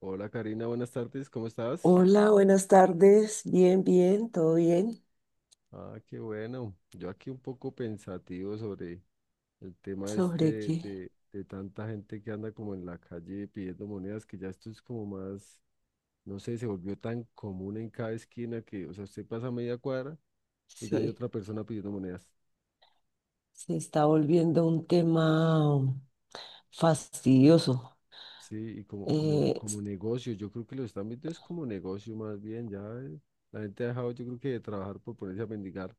Hola Karina, buenas tardes, ¿cómo estás? Hola, buenas tardes. Bien, bien, todo bien. Ah, qué bueno. Yo aquí un poco pensativo sobre el tema ¿Sobre este qué? de tanta gente que anda como en la calle pidiendo monedas, que ya esto es como más, no sé, se volvió tan común en cada esquina que, o sea, usted pasa media cuadra y ya hay Sí, otra persona pidiendo monedas. se está volviendo un tema fastidioso. Sí, y como, como, Eh, s- como negocio, yo creo que lo están viendo es como negocio más bien, ya la gente ha dejado, yo creo que de trabajar por ponerse a mendigar.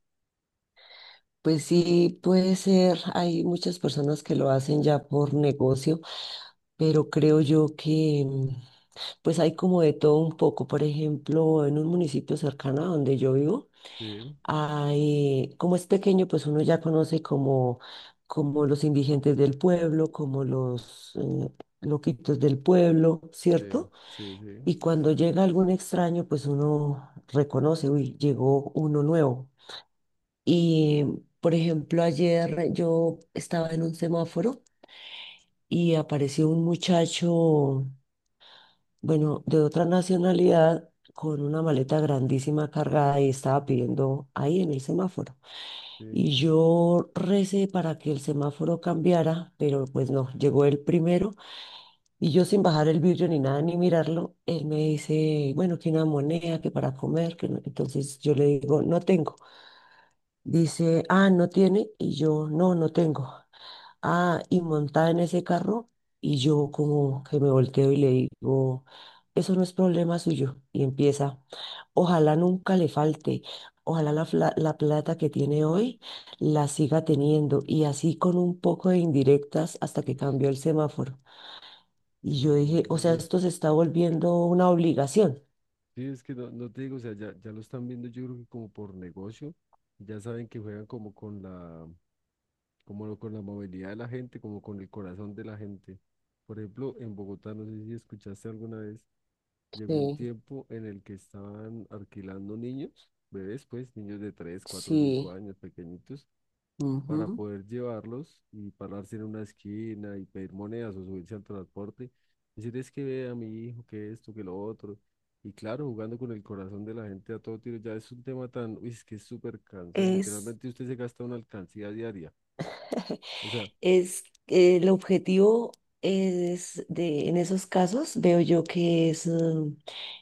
pues sí, puede ser, hay muchas personas que lo hacen ya por negocio, pero creo yo que pues hay como de todo un poco. Por ejemplo, en un municipio cercano a donde yo vivo, Sí, hay, como es pequeño, pues uno ya conoce como, como los indigentes del pueblo, como los loquitos del pueblo, sí, ¿cierto? sí, sí. Y cuando llega algún extraño, pues uno reconoce, uy, llegó uno nuevo. Y, por ejemplo, ayer yo estaba en un semáforo y apareció un muchacho, bueno, de otra nacionalidad, con una maleta grandísima cargada y estaba Uy, pidiendo ahí en el semáforo. Y yo recé para que el semáforo cambiara, pero pues no, llegó el primero y yo sin bajar el vidrio ni nada ni mirarlo, él me dice, bueno, que una moneda, que para comer, que no. Entonces yo le digo, no tengo. Dice, ah, no tiene y yo, no, no tengo. Ah, y montada en ese carro y yo como que me volteo y le digo, eso no es problema suyo y empieza. Ojalá nunca le falte, ojalá la plata que tiene hoy la siga teniendo y así con un poco de indirectas hasta que sí. cambió el semáforo. Y No, yo dije, o sea, hombre. esto se está volviendo una obligación. Sí, es que no te digo, o sea, ya lo están viendo yo creo que como por negocio, ya saben que juegan como con la movilidad de la gente, como con el corazón de la gente. Por ejemplo, en Bogotá, no sé si escuchaste alguna vez, llegó un Sí, tiempo en el que estaban alquilando niños, bebés pues, niños de 3 4 5 sí. años, pequeñitos, para Ujú. poder llevarlos y pararse en una esquina y pedir monedas o subirse al transporte. Decir es que ve a mi hijo, que esto, que lo otro. Y claro, jugando con el corazón de la gente a todo tiro, ya es un tema tan, uy, es que es súper cansón. Es. Literalmente usted se gasta una alcancía diaria. O sea, Es, el objetivo es de, en esos casos veo yo que es,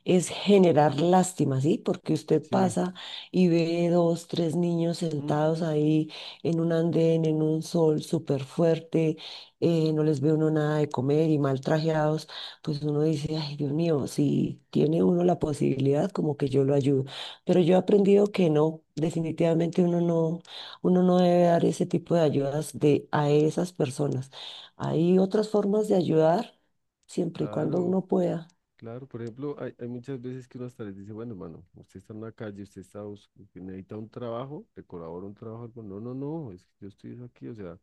es generar lástima, ¿sí? Porque usted sí, pasa y ve dos, tres niños mm, sentados ahí en un andén, en un sol súper fuerte, no les ve uno nada de comer y mal trajeados, pues uno dice, ay, Dios mío, si tiene uno la posibilidad, como que yo lo ayudo. Pero yo he aprendido que no, definitivamente uno no. Uno no debe dar ese tipo de ayudas de, a esas personas. Hay otras formas de ayudar siempre y cuando claro, uno pueda. claro. Por ejemplo, hay muchas veces que uno hasta les dice, bueno, hermano, usted está en la calle, usted está, que necesita un trabajo, le colaboro un trabajo, algo". No, no, no, es que yo estoy aquí, o sea,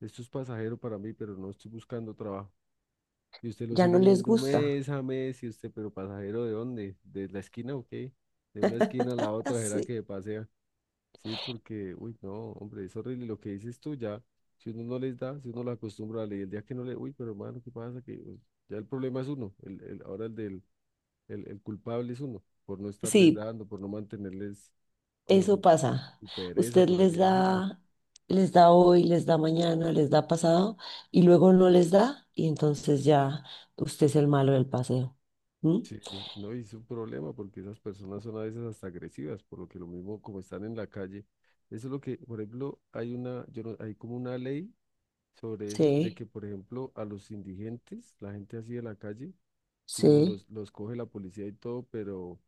esto es pasajero para mí, pero no estoy buscando trabajo. Y usted lo Ya sigue no les viendo gusta. mes a mes y usted, ¿pero pasajero de dónde? ¿De la esquina o qué? De una esquina a la otra, ¿será Así. que pasea? Sí, porque, uy, no, hombre, es horrible lo que dices tú ya. Si uno no les da, si uno lo acostumbra a leer, el día que no le, uy, pero hermano, ¿qué pasa? Que pues, ya el problema es uno, ahora el culpable es uno, por no estarles Sí, dando, por no mantenerles como eso su, pasa. su pereza, Usted por así decirlo. Les da hoy, les da mañana, les da pasado y luego no les da y entonces ya usted es el malo del paseo. ¿Mm? Sí, no, y es un problema porque esas personas son a veces hasta agresivas, por lo que lo mismo como están en la calle. Eso es lo que, por ejemplo, hay una, yo no- hay como una ley sobre eso, de Sí, que, por ejemplo, a los indigentes, la gente así de la calle, digamos, sí, los coge la policía y todo, pero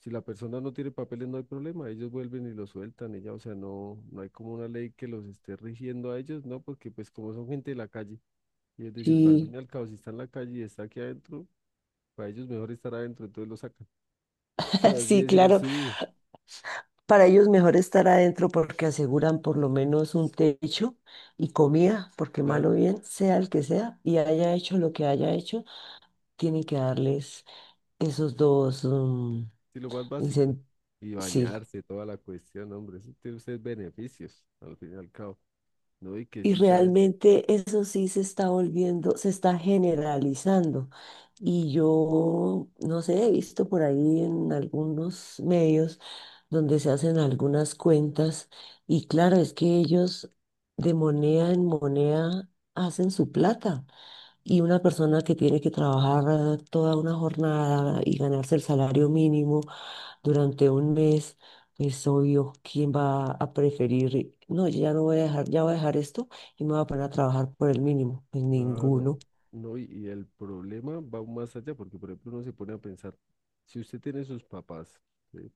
si la persona no tiene papeles no hay problema, ellos vuelven y los sueltan y ya, o sea, no hay como una ley que los esté rigiendo a ellos, ¿no? Porque pues como son gente de la calle, ellos dicen, "Pues, al fin sí, y al cabo, si está en la calle y está aquí adentro, para ellos mejor estar adentro, entonces los sacan por así sí, decirlo, claro. sí, Para ellos mejor estar adentro porque aseguran por lo menos un techo y comida, porque malo claro, bien, sea el que sea, y haya hecho lo que haya hecho, tienen que darles esos dos, sí, lo más básico. incen- Y sí. bañarse, toda la cuestión, hombre, eso tiene usted beneficios, al fin y al cabo. No, y que Y sí, ya ves, realmente eso sí se está volviendo, se está generalizando. Y yo, no sé, he visto por ahí en algunos medios donde se hacen algunas cuentas y claro, es que ellos de moneda en moneda hacen su plata. Y una persona que tiene que trabajar toda una jornada y ganarse el salario mínimo durante un mes, es obvio quién va a preferir, no, yo ya no voy a dejar, ya voy a dejar esto y me voy a poner a trabajar por el mínimo. Pues claro, ninguno. no, y el problema va aún más allá, porque por ejemplo uno se pone a pensar, si usted tiene sus papás, ¿sí?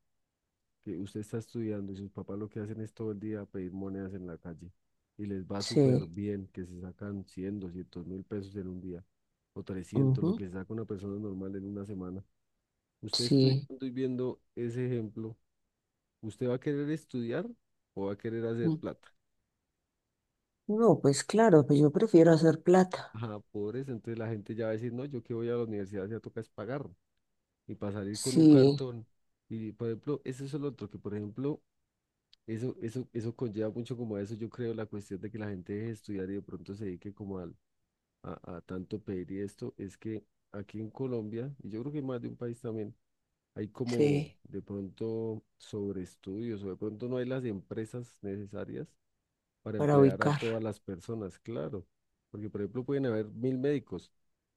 Que usted está estudiando y sus papás lo que hacen es todo el día pedir monedas en la calle y les va súper Sí, bien, que se sacan 100, 200 mil pesos en un día, o 300 lo ujú, que se saca una persona normal en una semana. Usted sí. estudiando y viendo ese ejemplo, ¿usted va a querer estudiar o va a querer hacer Mm. plata? No, pues claro, pues yo prefiero hacer plata. Ajá, por eso, entonces la gente ya va a decir, no, yo que voy a la universidad ya toca es pagar y para salir con un Sí, cartón. Y por ejemplo, eso es lo otro, que por ejemplo, eso conlleva mucho como a eso, yo creo, la cuestión de que la gente deje de estudiar y de pronto se dedique como a tanto pedir y esto, es que aquí en Colombia, y yo creo que en más de un país también, hay como sí, de pronto sobre estudios o de pronto no hay las empresas necesarias para para emplear a todas ubicar. las personas, claro. Porque, por ejemplo, pueden haber 1.000 médicos,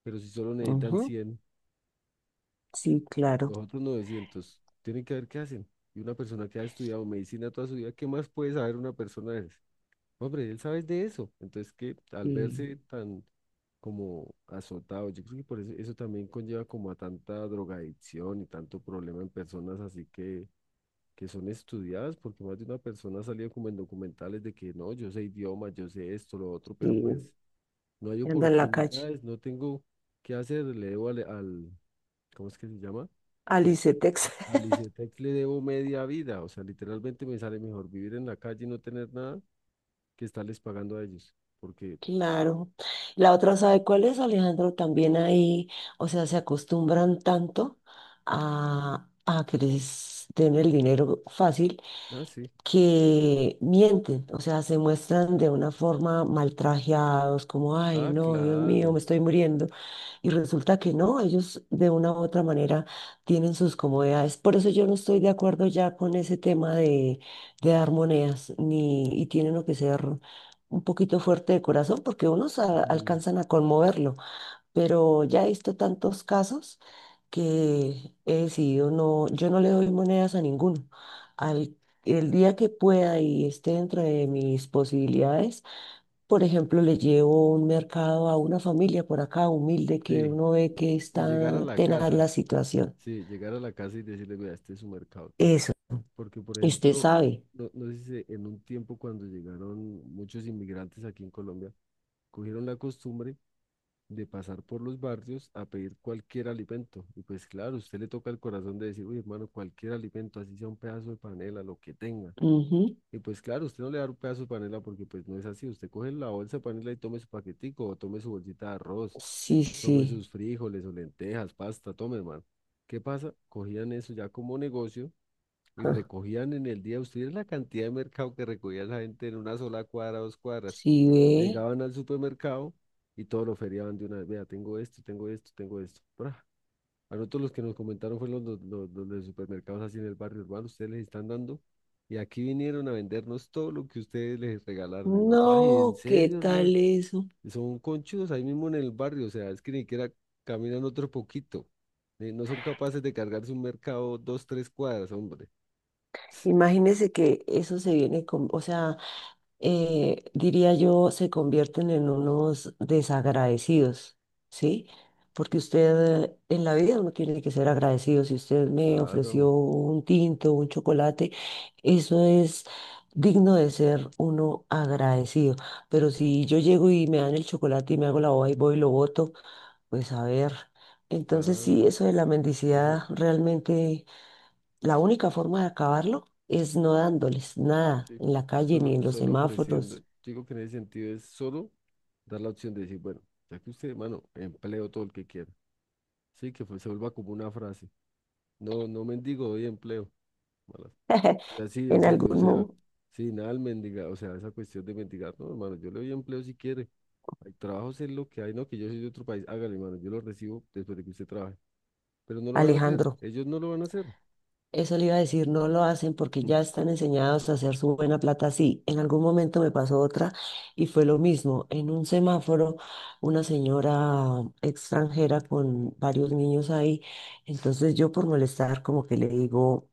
pero si solo necesitan Ujú, 100, sí, claro. los otros 900, tienen que ver qué hacen. Y una persona que ha estudiado medicina toda su vida, ¿qué más puede saber una persona de esas? Hombre, él sabe de eso. Entonces, que al Y, verse tan como azotado, yo creo que por eso, eso también conlleva como a tanta drogadicción y tanto problema en personas así que son estudiadas, porque más de una persona ha salido como en documentales de que no, yo sé idiomas, yo sé esto, lo otro, pero y pues no hay anda en la calle. oportunidades, no tengo qué hacer, le debo ¿cómo es que se llama? Al, Alice, Texas. al ICETEX le debo media vida, o sea, literalmente me sale mejor vivir en la calle y no tener nada que estarles pagando a ellos, porque, Claro. La otra, ¿sabe cuál es, Alejandro? También ahí, o sea, se acostumbran tanto a que les den el dinero fácil ah, sí, que mienten, o sea, se muestran de una forma maltrajeados, como, ay, ah, no, Dios mío, claro, me estoy muriendo. Y resulta que no, ellos de una u otra manera tienen sus comodidades. Por eso yo no estoy de acuerdo ya con ese tema de dar monedas, ni, y tienen lo que ser un poquito fuerte de corazón, porque unos ujú, alcanzan a conmoverlo. Pero ya he visto tantos casos que he decidido no, yo no le doy monedas a ninguno. Al, el día que pueda y esté dentro de mis posibilidades por ejemplo, le llevo un mercado a una familia por acá humilde que sí, uno ve y que y está llegar a la tenaz la casa, situación. sí, llegar a la casa y decirle, mira, este es su mercado, todo, Eso, porque, por usted ejemplo, sabe. no, no sé si en un tiempo cuando llegaron muchos inmigrantes aquí en Colombia, cogieron la costumbre de pasar por los barrios a pedir cualquier alimento. Y pues claro, usted le toca el corazón de decir, uy, hermano, cualquier alimento, así sea un pedazo de panela, lo que tenga. Ujú. Y pues claro, usted no le da un pedazo de panela porque pues no es así. Usted coge la bolsa de panela y tome su paquetico, o tome su bolsita de arroz, Sí, tome sí. sus frijoles o lentejas, pasta, tome, hermano. ¿Qué pasa? Cogían eso ya como negocio y Ja. recogían en el día, ustedes la cantidad de mercado que recogía la gente en una sola cuadra, dos cuadras. Sí ve. Llegaban al supermercado y todo lo feriaban de una vez. Vea, tengo esto, tengo esto, tengo esto. ¡Pra! A nosotros los que nos comentaron fueron los de supermercados así en el barrio urbano, ustedes les están dando. Y aquí vinieron a vendernos todo lo que ustedes les regalaron. Y nos, ay, ¿en No, ¿qué serio, hermano? tal eso? Son conchudos ahí mismo en el barrio, o sea, es que ni siquiera caminan otro poquito. No son capaces de cargarse un mercado dos, tres cuadras, hombre. Imagínese que eso se viene con, o sea, diría yo, se convierten en unos desagradecidos, ¿sí? Porque usted en la vida uno tiene que ser agradecido. Si usted me ofreció Claro, un tinto, un chocolate, eso es digno de ser uno agradecido. Pero si yo llego y me dan el chocolate y me hago la boba y voy y lo boto, pues a ver. Entonces claro. sí, eso de la Eso, mendicidad realmente, la única forma de acabarlo es no dándoles nada sí. en la calle Solo, ni en los solo ofreciendo, yo semáforos. digo que en ese sentido es solo dar la opción de decir, bueno, ya que usted, mano, empleo todo el que quiera. Sí, que se vuelva como una frase. No, no mendigo, doy empleo. Malas. O sea, sí, en En serio, o algún sea, mood. sí, nada al mendigar, o sea, esa cuestión de mendigar, no, hermano, yo le doy empleo si quiere. Hay trabajos en lo que hay, no, que yo soy de otro país, hágale, hermano, yo lo recibo después de que usted trabaje. Pero no lo van a hacer, Alejandro, ellos no lo van a hacer. eso le iba a decir, no lo hacen porque ya están enseñados a hacer su buena plata así. En algún momento me pasó otra y fue lo mismo. En un semáforo, una señora extranjera con varios niños ahí, entonces yo por molestar como que le digo...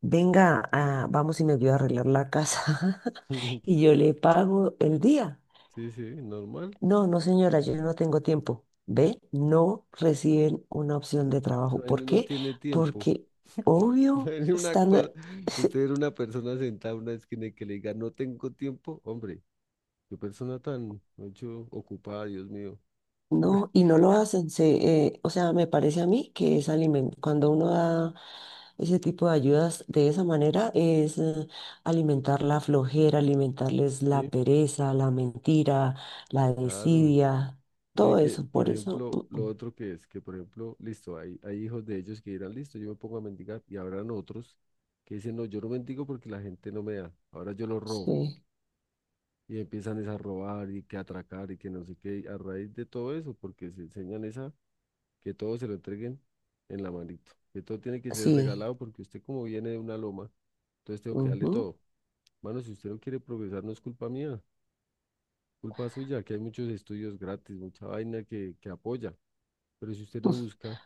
Venga, ah, vamos y me ayuda a arreglar la casa y yo le pago el día. Sí, sí, normal. No, no, señora, yo no tengo tiempo. ¿Ve? No reciben una opción de trabajo. Bueno, ¿Por no qué? tiene tiempo. Porque, obvio, Bueno, una están, cosa, usted era una persona sentada en una esquina y que le diga, no tengo tiempo, hombre, qué persona tan mucho ocupada, Dios mío. no, y no lo hacen. O sea, me parece a mí que es alimen- cuando uno da ese tipo de ayudas de esa manera, es alimentar la flojera, alimentarles Sí, la pereza, la mentira, la claro. desidia, No, y todo que, eso. por Por eso, ejemplo, lo otro que es, que por ejemplo, listo, hay hijos de ellos que dirán, listo, yo me pongo a mendigar, y habrán otros que dicen, no, yo no mendigo porque la gente no me da, ahora yo lo robo. sí, Y empiezan es a robar y que atracar y que no sé qué, a raíz de todo eso, porque se enseñan esa que todo se lo entreguen en la manito, que todo tiene que ser sí. regalado porque usted como viene de una loma, entonces tengo que darle Ujú. todo. Mano, si usted no quiere progresar, no es culpa mía, culpa suya, que hay muchos estudios gratis, mucha vaina que apoya, pero si usted no busca,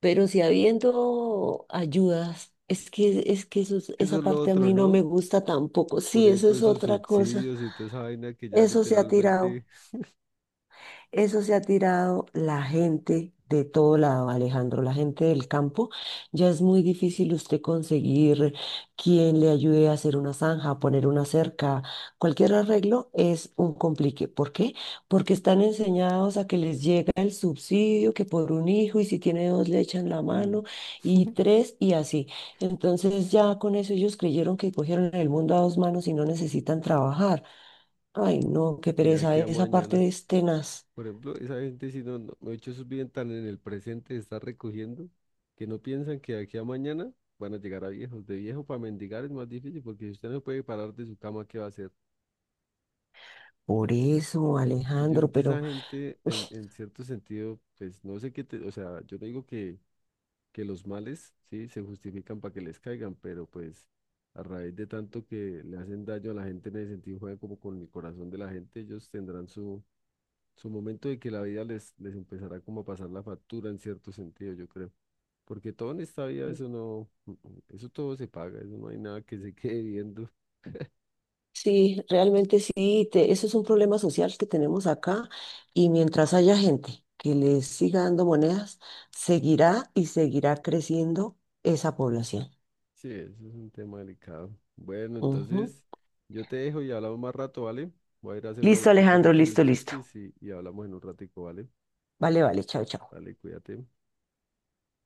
Pero si habiendo ayudas, es que eso es- eso esa es lo parte a otro, mí no ¿no? me gusta tampoco. Por Sí, eso ejemplo, es esos otra cosa. subsidios y toda esa vaina que ya Eso se ha tirado. literalmente, Eso se ha tirado la gente de todo lado, Alejandro, la gente del campo. Ya es muy difícil usted conseguir quien le ayude a hacer una zanja, a poner una cerca. Cualquier arreglo es un complique. ¿Por qué? Porque están enseñados a que les llega el subsidio, que por un hijo, y si tiene dos le echan la mm, mano, y tres, y así. Entonces ya con eso ellos creyeron que cogieron el mundo a dos manos y no necesitan trabajar. Ay, no, qué y de pereza, aquí a esa mañana. parte es tenaz. Por ejemplo, esa gente si no, no, de hecho, sus viven tan en el presente, está recogiendo, que no piensan que de aquí a mañana van a llegar a viejos. De viejo para mendigar es más difícil porque si usted no puede parar de su cama, ¿qué va a hacer? Por eso, Y yo creo Alejandro, que esa pero gente, uy, en cierto sentido, pues no sé qué te, o sea, yo no digo que, los males, sí, se justifican para que les caigan, pero pues a raíz de tanto que le hacen daño a la gente en el sentido, juegan como con el corazón de la gente, ellos tendrán su momento de que la vida les empezará como a pasar la factura en cierto sentido, yo creo. Porque todo en esta vida, eso no, eso todo se paga, eso no hay nada que se quede viendo. sí, realmente sí, te- eso es un problema social que tenemos acá y mientras haya gente que les siga dando monedas, seguirá y seguirá creciendo esa población. Sí, eso es un tema delicado. Bueno, Ujú. entonces yo te dejo y hablamos más rato, ¿vale? Voy a ir a hacer una Listo, vueltica aquí Alejandro, con mis listo, listo. chiquis y hablamos en un ratico, ¿vale? Vale, vale, chao, chao. Vale, cuídate.